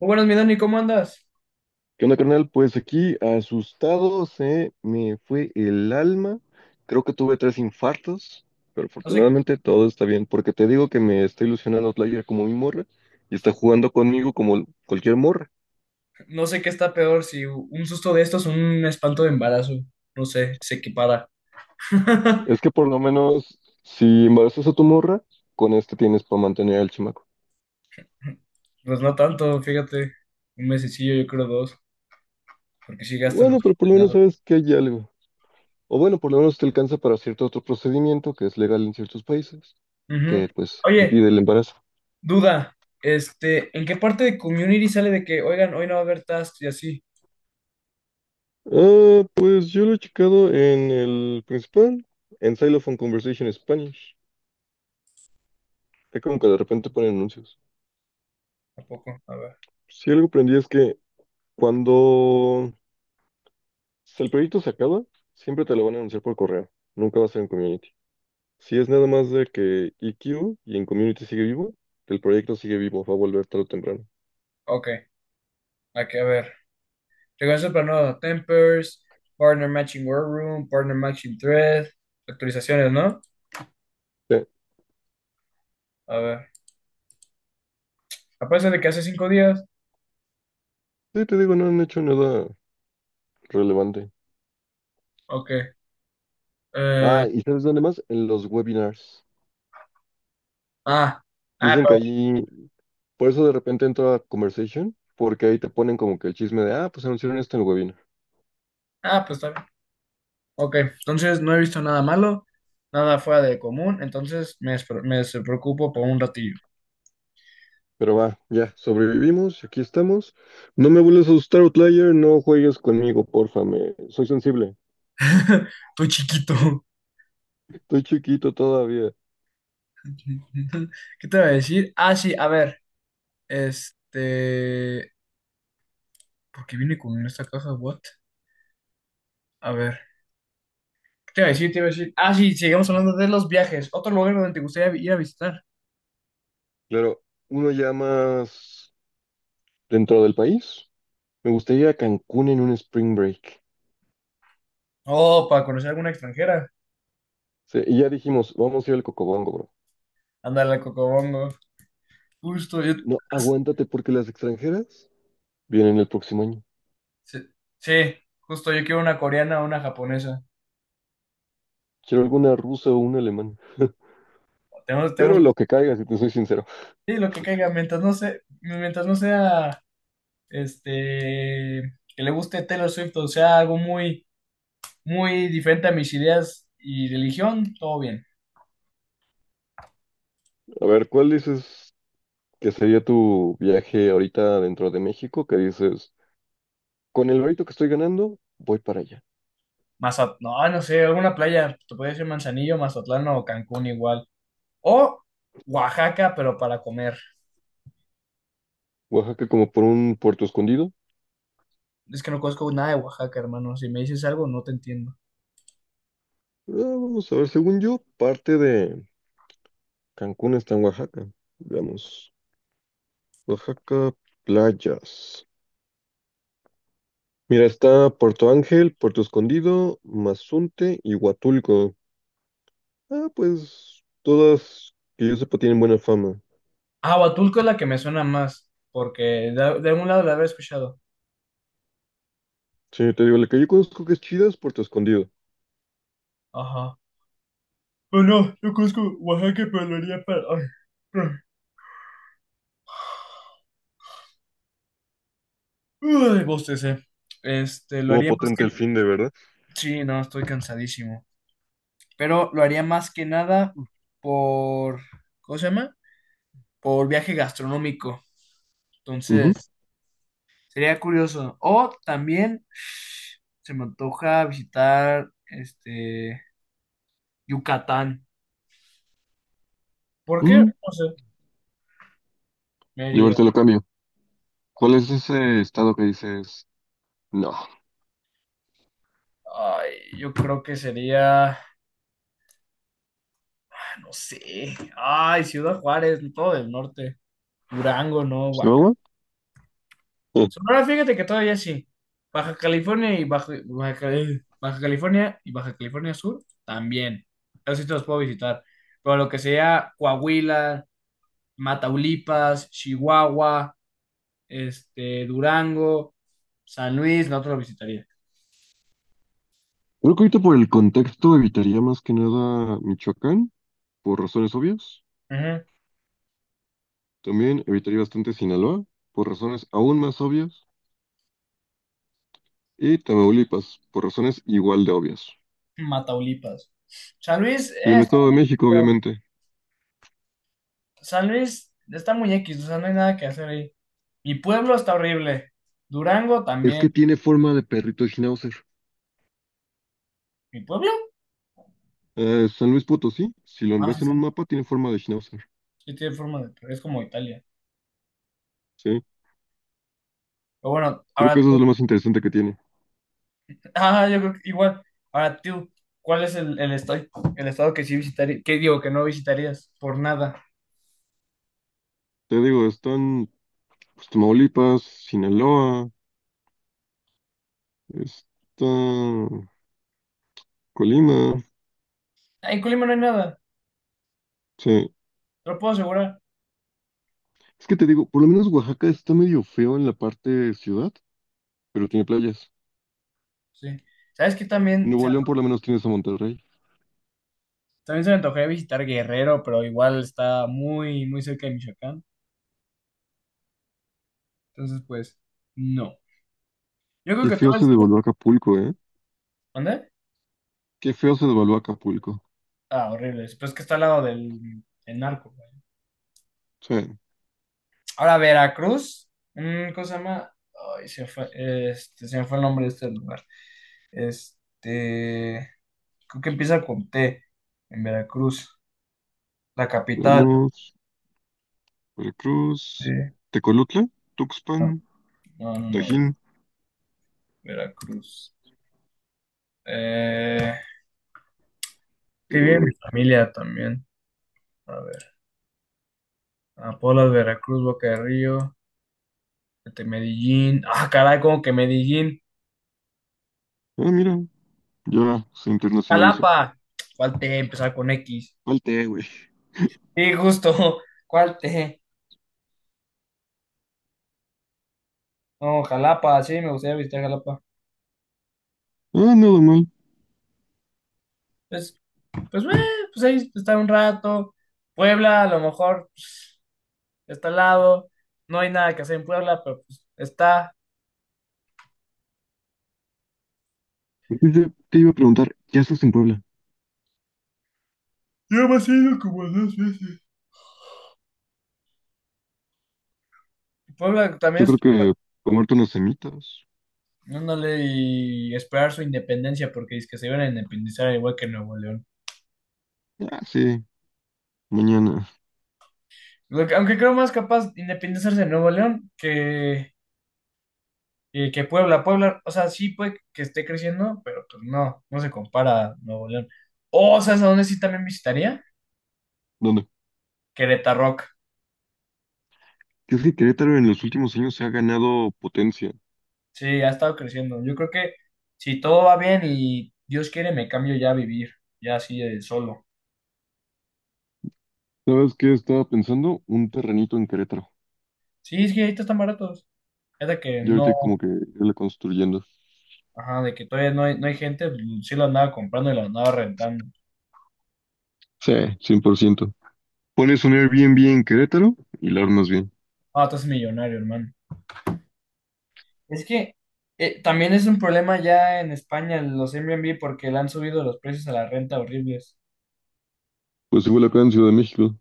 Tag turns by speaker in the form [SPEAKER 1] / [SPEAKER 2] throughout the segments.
[SPEAKER 1] Muy buenas, mi Dani, ¿cómo andas?
[SPEAKER 2] ¿Qué onda, carnal? Pues aquí, asustado, se me fue el alma. Creo que tuve tres infartos, pero
[SPEAKER 1] No sé,
[SPEAKER 2] afortunadamente todo está bien, porque te digo que me está ilusionando Outlier como mi morra y está jugando conmigo como cualquier morra.
[SPEAKER 1] no sé qué está peor, si un susto de estos o un espanto de embarazo. No sé, se equipara.
[SPEAKER 2] Es que por lo menos, si embarazas a tu morra, con este tienes para mantener al chamaco.
[SPEAKER 1] Pues no tanto, fíjate. Un mesecillo, yo creo dos, porque sí gastan los
[SPEAKER 2] Bueno, pero por lo menos
[SPEAKER 1] condenados.
[SPEAKER 2] sabes que hay algo. O bueno, por lo menos te alcanza para cierto otro procedimiento que es legal en ciertos países,
[SPEAKER 1] Ujú.
[SPEAKER 2] que pues
[SPEAKER 1] Oye,
[SPEAKER 2] impide el embarazo.
[SPEAKER 1] duda, ¿en qué parte de Community sale de que, oigan, hoy no va a haber tasks y así?
[SPEAKER 2] Ah, pues yo lo he checado en el principal, en Xylophone Conversation Spanish. Es como que de repente ponen anuncios.
[SPEAKER 1] Tampoco, a ver.
[SPEAKER 2] Si algo aprendí es que cuando si el proyecto se acaba, siempre te lo van a anunciar por correo. Nunca va a ser en community. Si es nada más de que EQ y en community sigue vivo, el proyecto sigue vivo, va a volver tarde o temprano.
[SPEAKER 1] Ok, aquí, a ver. Regreso para nuevo. Tempers, Partner Matching War Room, Partner Matching Thread, actualizaciones, ¿no?
[SPEAKER 2] Sí,
[SPEAKER 1] A ver. A pesar de que hace 5 días.
[SPEAKER 2] sí, te digo, no han hecho nada relevante.
[SPEAKER 1] Ok. Eh,
[SPEAKER 2] Ah, ¿y sabes dónde más? En los webinars.
[SPEAKER 1] ah, ah,
[SPEAKER 2] Dicen que
[SPEAKER 1] pa-
[SPEAKER 2] allí, por eso de repente entro a Conversation, porque ahí te ponen como que el chisme de, ah, pues anunciaron esto en el webinar.
[SPEAKER 1] pues está bien. Ok, entonces no he visto nada malo, nada fuera de común, entonces me preocupo por un ratillo.
[SPEAKER 2] Pero va, ya, sobrevivimos, aquí estamos. No me vuelvas a asustar, Outlier, no juegues conmigo, porfa, me... soy sensible.
[SPEAKER 1] Estoy chiquito.
[SPEAKER 2] Estoy chiquito todavía.
[SPEAKER 1] ¿Qué te voy a decir? Ah, sí, a ver. Este. ¿Por qué viene con esta caja? ¿What? A ver. ¿Qué te iba a decir? Te iba a decir. Ah, sí, sigamos hablando de los viajes. Otro lugar donde te gustaría ir a visitar.
[SPEAKER 2] Claro, uno ya más dentro del país. Me gustaría ir a Cancún en un spring break.
[SPEAKER 1] Oh, para conocer a alguna extranjera.
[SPEAKER 2] Sí, y ya dijimos, vamos a ir al Cocobongo, bro.
[SPEAKER 1] Ándale, Cocobongo. Justo, yo.
[SPEAKER 2] No, aguántate porque las extranjeras vienen el próximo año.
[SPEAKER 1] Sí, sí, justo yo quiero una coreana o una japonesa.
[SPEAKER 2] Quiero alguna rusa o una alemana.
[SPEAKER 1] Tenemos,
[SPEAKER 2] Pero
[SPEAKER 1] tenemos,
[SPEAKER 2] lo que caiga, si te soy sincero.
[SPEAKER 1] sí, lo que caiga, mientras no sea, mientras no sea, este, que le guste Taylor Swift o sea algo muy, muy diferente a mis ideas y religión, todo bien.
[SPEAKER 2] A ver, ¿cuál dices que sería tu viaje ahorita dentro de México? Que dices, con el barito que estoy ganando, voy para allá.
[SPEAKER 1] Mazat, no, no sé, alguna playa, te podría decir Manzanillo, Mazatlán o Cancún igual. O Oaxaca, pero para comer.
[SPEAKER 2] Oaxaca como por un puerto escondido.
[SPEAKER 1] Es que no conozco nada de Oaxaca, hermano. Si me dices algo, no te entiendo.
[SPEAKER 2] Ah, vamos a ver, según yo, parte de Cancún está en Oaxaca. Veamos, Oaxaca, playas. Mira, está Puerto Ángel, Puerto Escondido, Mazunte y Huatulco. Ah, pues todas que yo sepa tienen buena fama.
[SPEAKER 1] Ah, Huatulco es la que me suena más, porque de algún lado la habré escuchado.
[SPEAKER 2] Sí, te digo, la que yo conozco que es chida es Puerto Escondido.
[SPEAKER 1] Ajá. Bueno, yo conozco Oaxaca, pero lo haría para. Ay, ay. Uy, bostecé. Lo
[SPEAKER 2] Estuvo
[SPEAKER 1] haría más
[SPEAKER 2] potente el
[SPEAKER 1] que.
[SPEAKER 2] fin de, ¿verdad?
[SPEAKER 1] Sí, no, estoy cansadísimo. Pero lo haría más que nada por. ¿Cómo se llama? Por viaje gastronómico.
[SPEAKER 2] Ujú.
[SPEAKER 1] Entonces, sería curioso. O también se me antoja visitar, Yucatán. ¿Por qué?
[SPEAKER 2] Mm,
[SPEAKER 1] No sé.
[SPEAKER 2] yo
[SPEAKER 1] Mérida.
[SPEAKER 2] ahorita lo cambio. ¿Cuál es ese estado que dices? No.
[SPEAKER 1] Ay, yo creo que sería. No sé. Ay, Ciudad Juárez, todo del norte. Durango, no, Huaca.
[SPEAKER 2] ¿Chihuahua? Eh,
[SPEAKER 1] Sonora, fíjate que todavía sí. Baja California y Baja California y Baja California Sur también. Esos sí te los puedo visitar. Pero lo que sea Coahuila, Mataulipas, Chihuahua, Durango, San Luis, no te lo visitaría.
[SPEAKER 2] Creo que ahorita por el contexto evitaría más que nada Michoacán, por razones obvias.
[SPEAKER 1] Ujú.
[SPEAKER 2] También evitaría bastante Sinaloa, por razones aún más obvias. Y Tamaulipas, por razones igual de obvias.
[SPEAKER 1] Mataulipas. San Luis,
[SPEAKER 2] Y el
[SPEAKER 1] está
[SPEAKER 2] Estado de México,
[SPEAKER 1] bien,
[SPEAKER 2] obviamente.
[SPEAKER 1] San Luis está muy X, o sea, no hay nada que hacer ahí. Mi pueblo está horrible. Durango
[SPEAKER 2] Es
[SPEAKER 1] también.
[SPEAKER 2] que tiene forma de perrito de Schnauzer.
[SPEAKER 1] ¿Mi pueblo?
[SPEAKER 2] San Luis Potosí, si lo
[SPEAKER 1] Ah, sí,
[SPEAKER 2] ves en
[SPEAKER 1] sí.
[SPEAKER 2] un mapa, tiene forma de Schnauzer.
[SPEAKER 1] Sí tiene forma de. Es como Italia.
[SPEAKER 2] Sí,
[SPEAKER 1] Pero bueno,
[SPEAKER 2] creo que
[SPEAKER 1] ahora
[SPEAKER 2] eso es
[SPEAKER 1] tú.
[SPEAKER 2] lo más interesante que tiene.
[SPEAKER 1] Ah, yo creo que igual. Ahora tú. ¿Cuál es el estado que sí visitarías? ¿Qué digo? Que no visitarías por nada.
[SPEAKER 2] Te digo, están pues, Tamaulipas, Sinaloa. Está Colima,
[SPEAKER 1] Ah, en Colima no hay nada.
[SPEAKER 2] sí.
[SPEAKER 1] Te lo puedo asegurar.
[SPEAKER 2] Es que te digo, por lo menos Oaxaca está medio feo en la parte ciudad, pero tiene playas.
[SPEAKER 1] Sí. ¿Sabes qué? También se,
[SPEAKER 2] Nuevo León por lo menos tienes a Monterrey.
[SPEAKER 1] también se me antojaría visitar Guerrero, pero igual está muy, muy cerca de Michoacán. Entonces, pues, no. Yo creo
[SPEAKER 2] Qué
[SPEAKER 1] que
[SPEAKER 2] feo
[SPEAKER 1] todo el
[SPEAKER 2] se
[SPEAKER 1] sur.
[SPEAKER 2] devaluó Acapulco, ¿eh?
[SPEAKER 1] ¿Dónde?
[SPEAKER 2] Qué feo se devaluó Acapulco.
[SPEAKER 1] Ah, horribles. Pero es que está al lado del narco, güey.
[SPEAKER 2] Sí.
[SPEAKER 1] Ahora, Veracruz. ¿Cómo se llama? Ay, se me fue, se me fue el nombre de este lugar. Este. Creo que empieza con T. En Veracruz. La capital.
[SPEAKER 2] Vamos, Veracruz,
[SPEAKER 1] Eh,
[SPEAKER 2] Tecolutla, Tuxpan,
[SPEAKER 1] no, no, no, no,
[SPEAKER 2] Tajín.
[SPEAKER 1] Veracruz. Eh, que vive mi
[SPEAKER 2] Eh,
[SPEAKER 1] familia también. A ver. Apolas, Veracruz, Boca de Río. Medellín. Ah, caray, como que Medellín.
[SPEAKER 2] mira, ya se internacionalizó.
[SPEAKER 1] Jalapa. Falté empezar con X.
[SPEAKER 2] Falté, güey.
[SPEAKER 1] Sí, justo. ¿Cuál te? No, Jalapa, sí, me gustaría visitar Jalapa.
[SPEAKER 2] Ah, nada mal.
[SPEAKER 1] Pues, pues, eh, pues ahí estar un rato. Puebla, a lo mejor pues, está al lado. No hay nada que hacer en Puebla, pero pues está.
[SPEAKER 2] Yo te iba a preguntar, ¿qué haces en Puebla?
[SPEAKER 1] Yo me he ido como dos veces. Puebla también
[SPEAKER 2] Yo
[SPEAKER 1] es.
[SPEAKER 2] creo que comerte unas semitas.
[SPEAKER 1] No y esperar su independencia porque es que se iban a independizar igual que Nuevo León.
[SPEAKER 2] Ah, sí. Mañana.
[SPEAKER 1] Aunque creo más capaz de independizarse de Nuevo León que. Y que Puebla, o sea, sí puede que esté creciendo, pero pues no, no se compara a Nuevo León. O, ¿sabes a dónde sí también visitaría?
[SPEAKER 2] ¿Dónde?
[SPEAKER 1] Querétaro.
[SPEAKER 2] Que es que Querétaro en los últimos años se ha ganado potencia.
[SPEAKER 1] Sí, ha estado creciendo. Yo creo que si todo va bien y Dios quiere, me cambio ya a vivir, ya así de solo.
[SPEAKER 2] ¿Sabes qué estaba pensando? Un terrenito en Querétaro.
[SPEAKER 1] Sí, es que ahorita están baratos. Es de que
[SPEAKER 2] Y ahorita como
[SPEAKER 1] no,
[SPEAKER 2] que irle construyendo.
[SPEAKER 1] ajá, de que todavía no hay gente, pues, sí lo andaba comprando y lo andaba rentando.
[SPEAKER 2] Sí, 100%. Pones un Airbnb en Querétaro y lo armas bien.
[SPEAKER 1] Ah, tú eres millonario, hermano. Es que también es un problema ya en España los Airbnb porque le han subido los precios a la renta horribles.
[SPEAKER 2] Pues igual acá en Ciudad de México.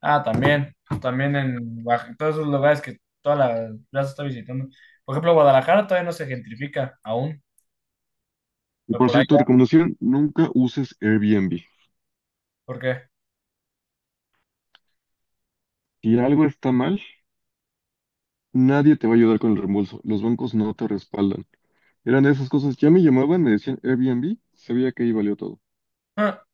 [SPEAKER 1] Ah, también en Oaxaca, todos esos lugares que toda la plaza está visitando. Por ejemplo, Guadalajara todavía no se gentrifica aún,
[SPEAKER 2] Y
[SPEAKER 1] pero
[SPEAKER 2] por
[SPEAKER 1] por ahí
[SPEAKER 2] cierto,
[SPEAKER 1] va,
[SPEAKER 2] recomendación, nunca uses Airbnb.
[SPEAKER 1] porque
[SPEAKER 2] Si algo está mal, nadie te va a ayudar con el reembolso. Los bancos no te respaldan. Eran de esas cosas. Ya me llamaban, me decían Airbnb, sabía que ahí valió todo.
[SPEAKER 1] ah,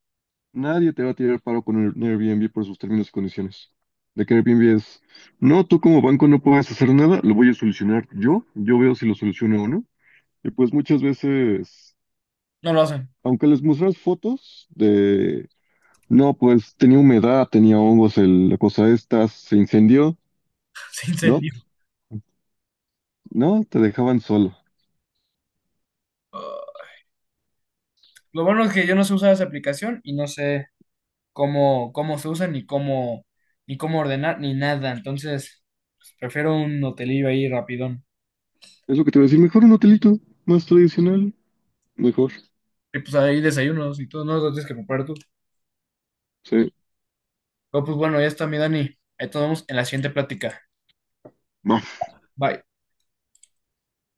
[SPEAKER 2] Nadie te va a tirar paro con Airbnb por sus términos y condiciones. De que Airbnb es, no, tú como banco no puedes hacer nada, lo voy a solucionar yo, yo veo si lo soluciono o no. Y pues muchas veces,
[SPEAKER 1] no lo hacen,
[SPEAKER 2] aunque les muestras fotos de, no, pues tenía humedad, tenía hongos, la cosa esta, se incendió,
[SPEAKER 1] se
[SPEAKER 2] no,
[SPEAKER 1] incendió.
[SPEAKER 2] no, te dejaban solo.
[SPEAKER 1] Ah, lo bueno es que yo no sé usar esa aplicación y no sé cómo se usa, ni cómo ordenar, ni nada. Entonces, pues, prefiero un hotelillo ahí rapidón.
[SPEAKER 2] Es lo que te voy a decir, mejor un hotelito más tradicional, mejor,
[SPEAKER 1] Y pues ahí desayunos y todo, no lo tienes que preparar tú.
[SPEAKER 2] sí.
[SPEAKER 1] Pero pues bueno, ya está mi Dani. Ahí te vemos en la siguiente plática.
[SPEAKER 2] Va.
[SPEAKER 1] Bye.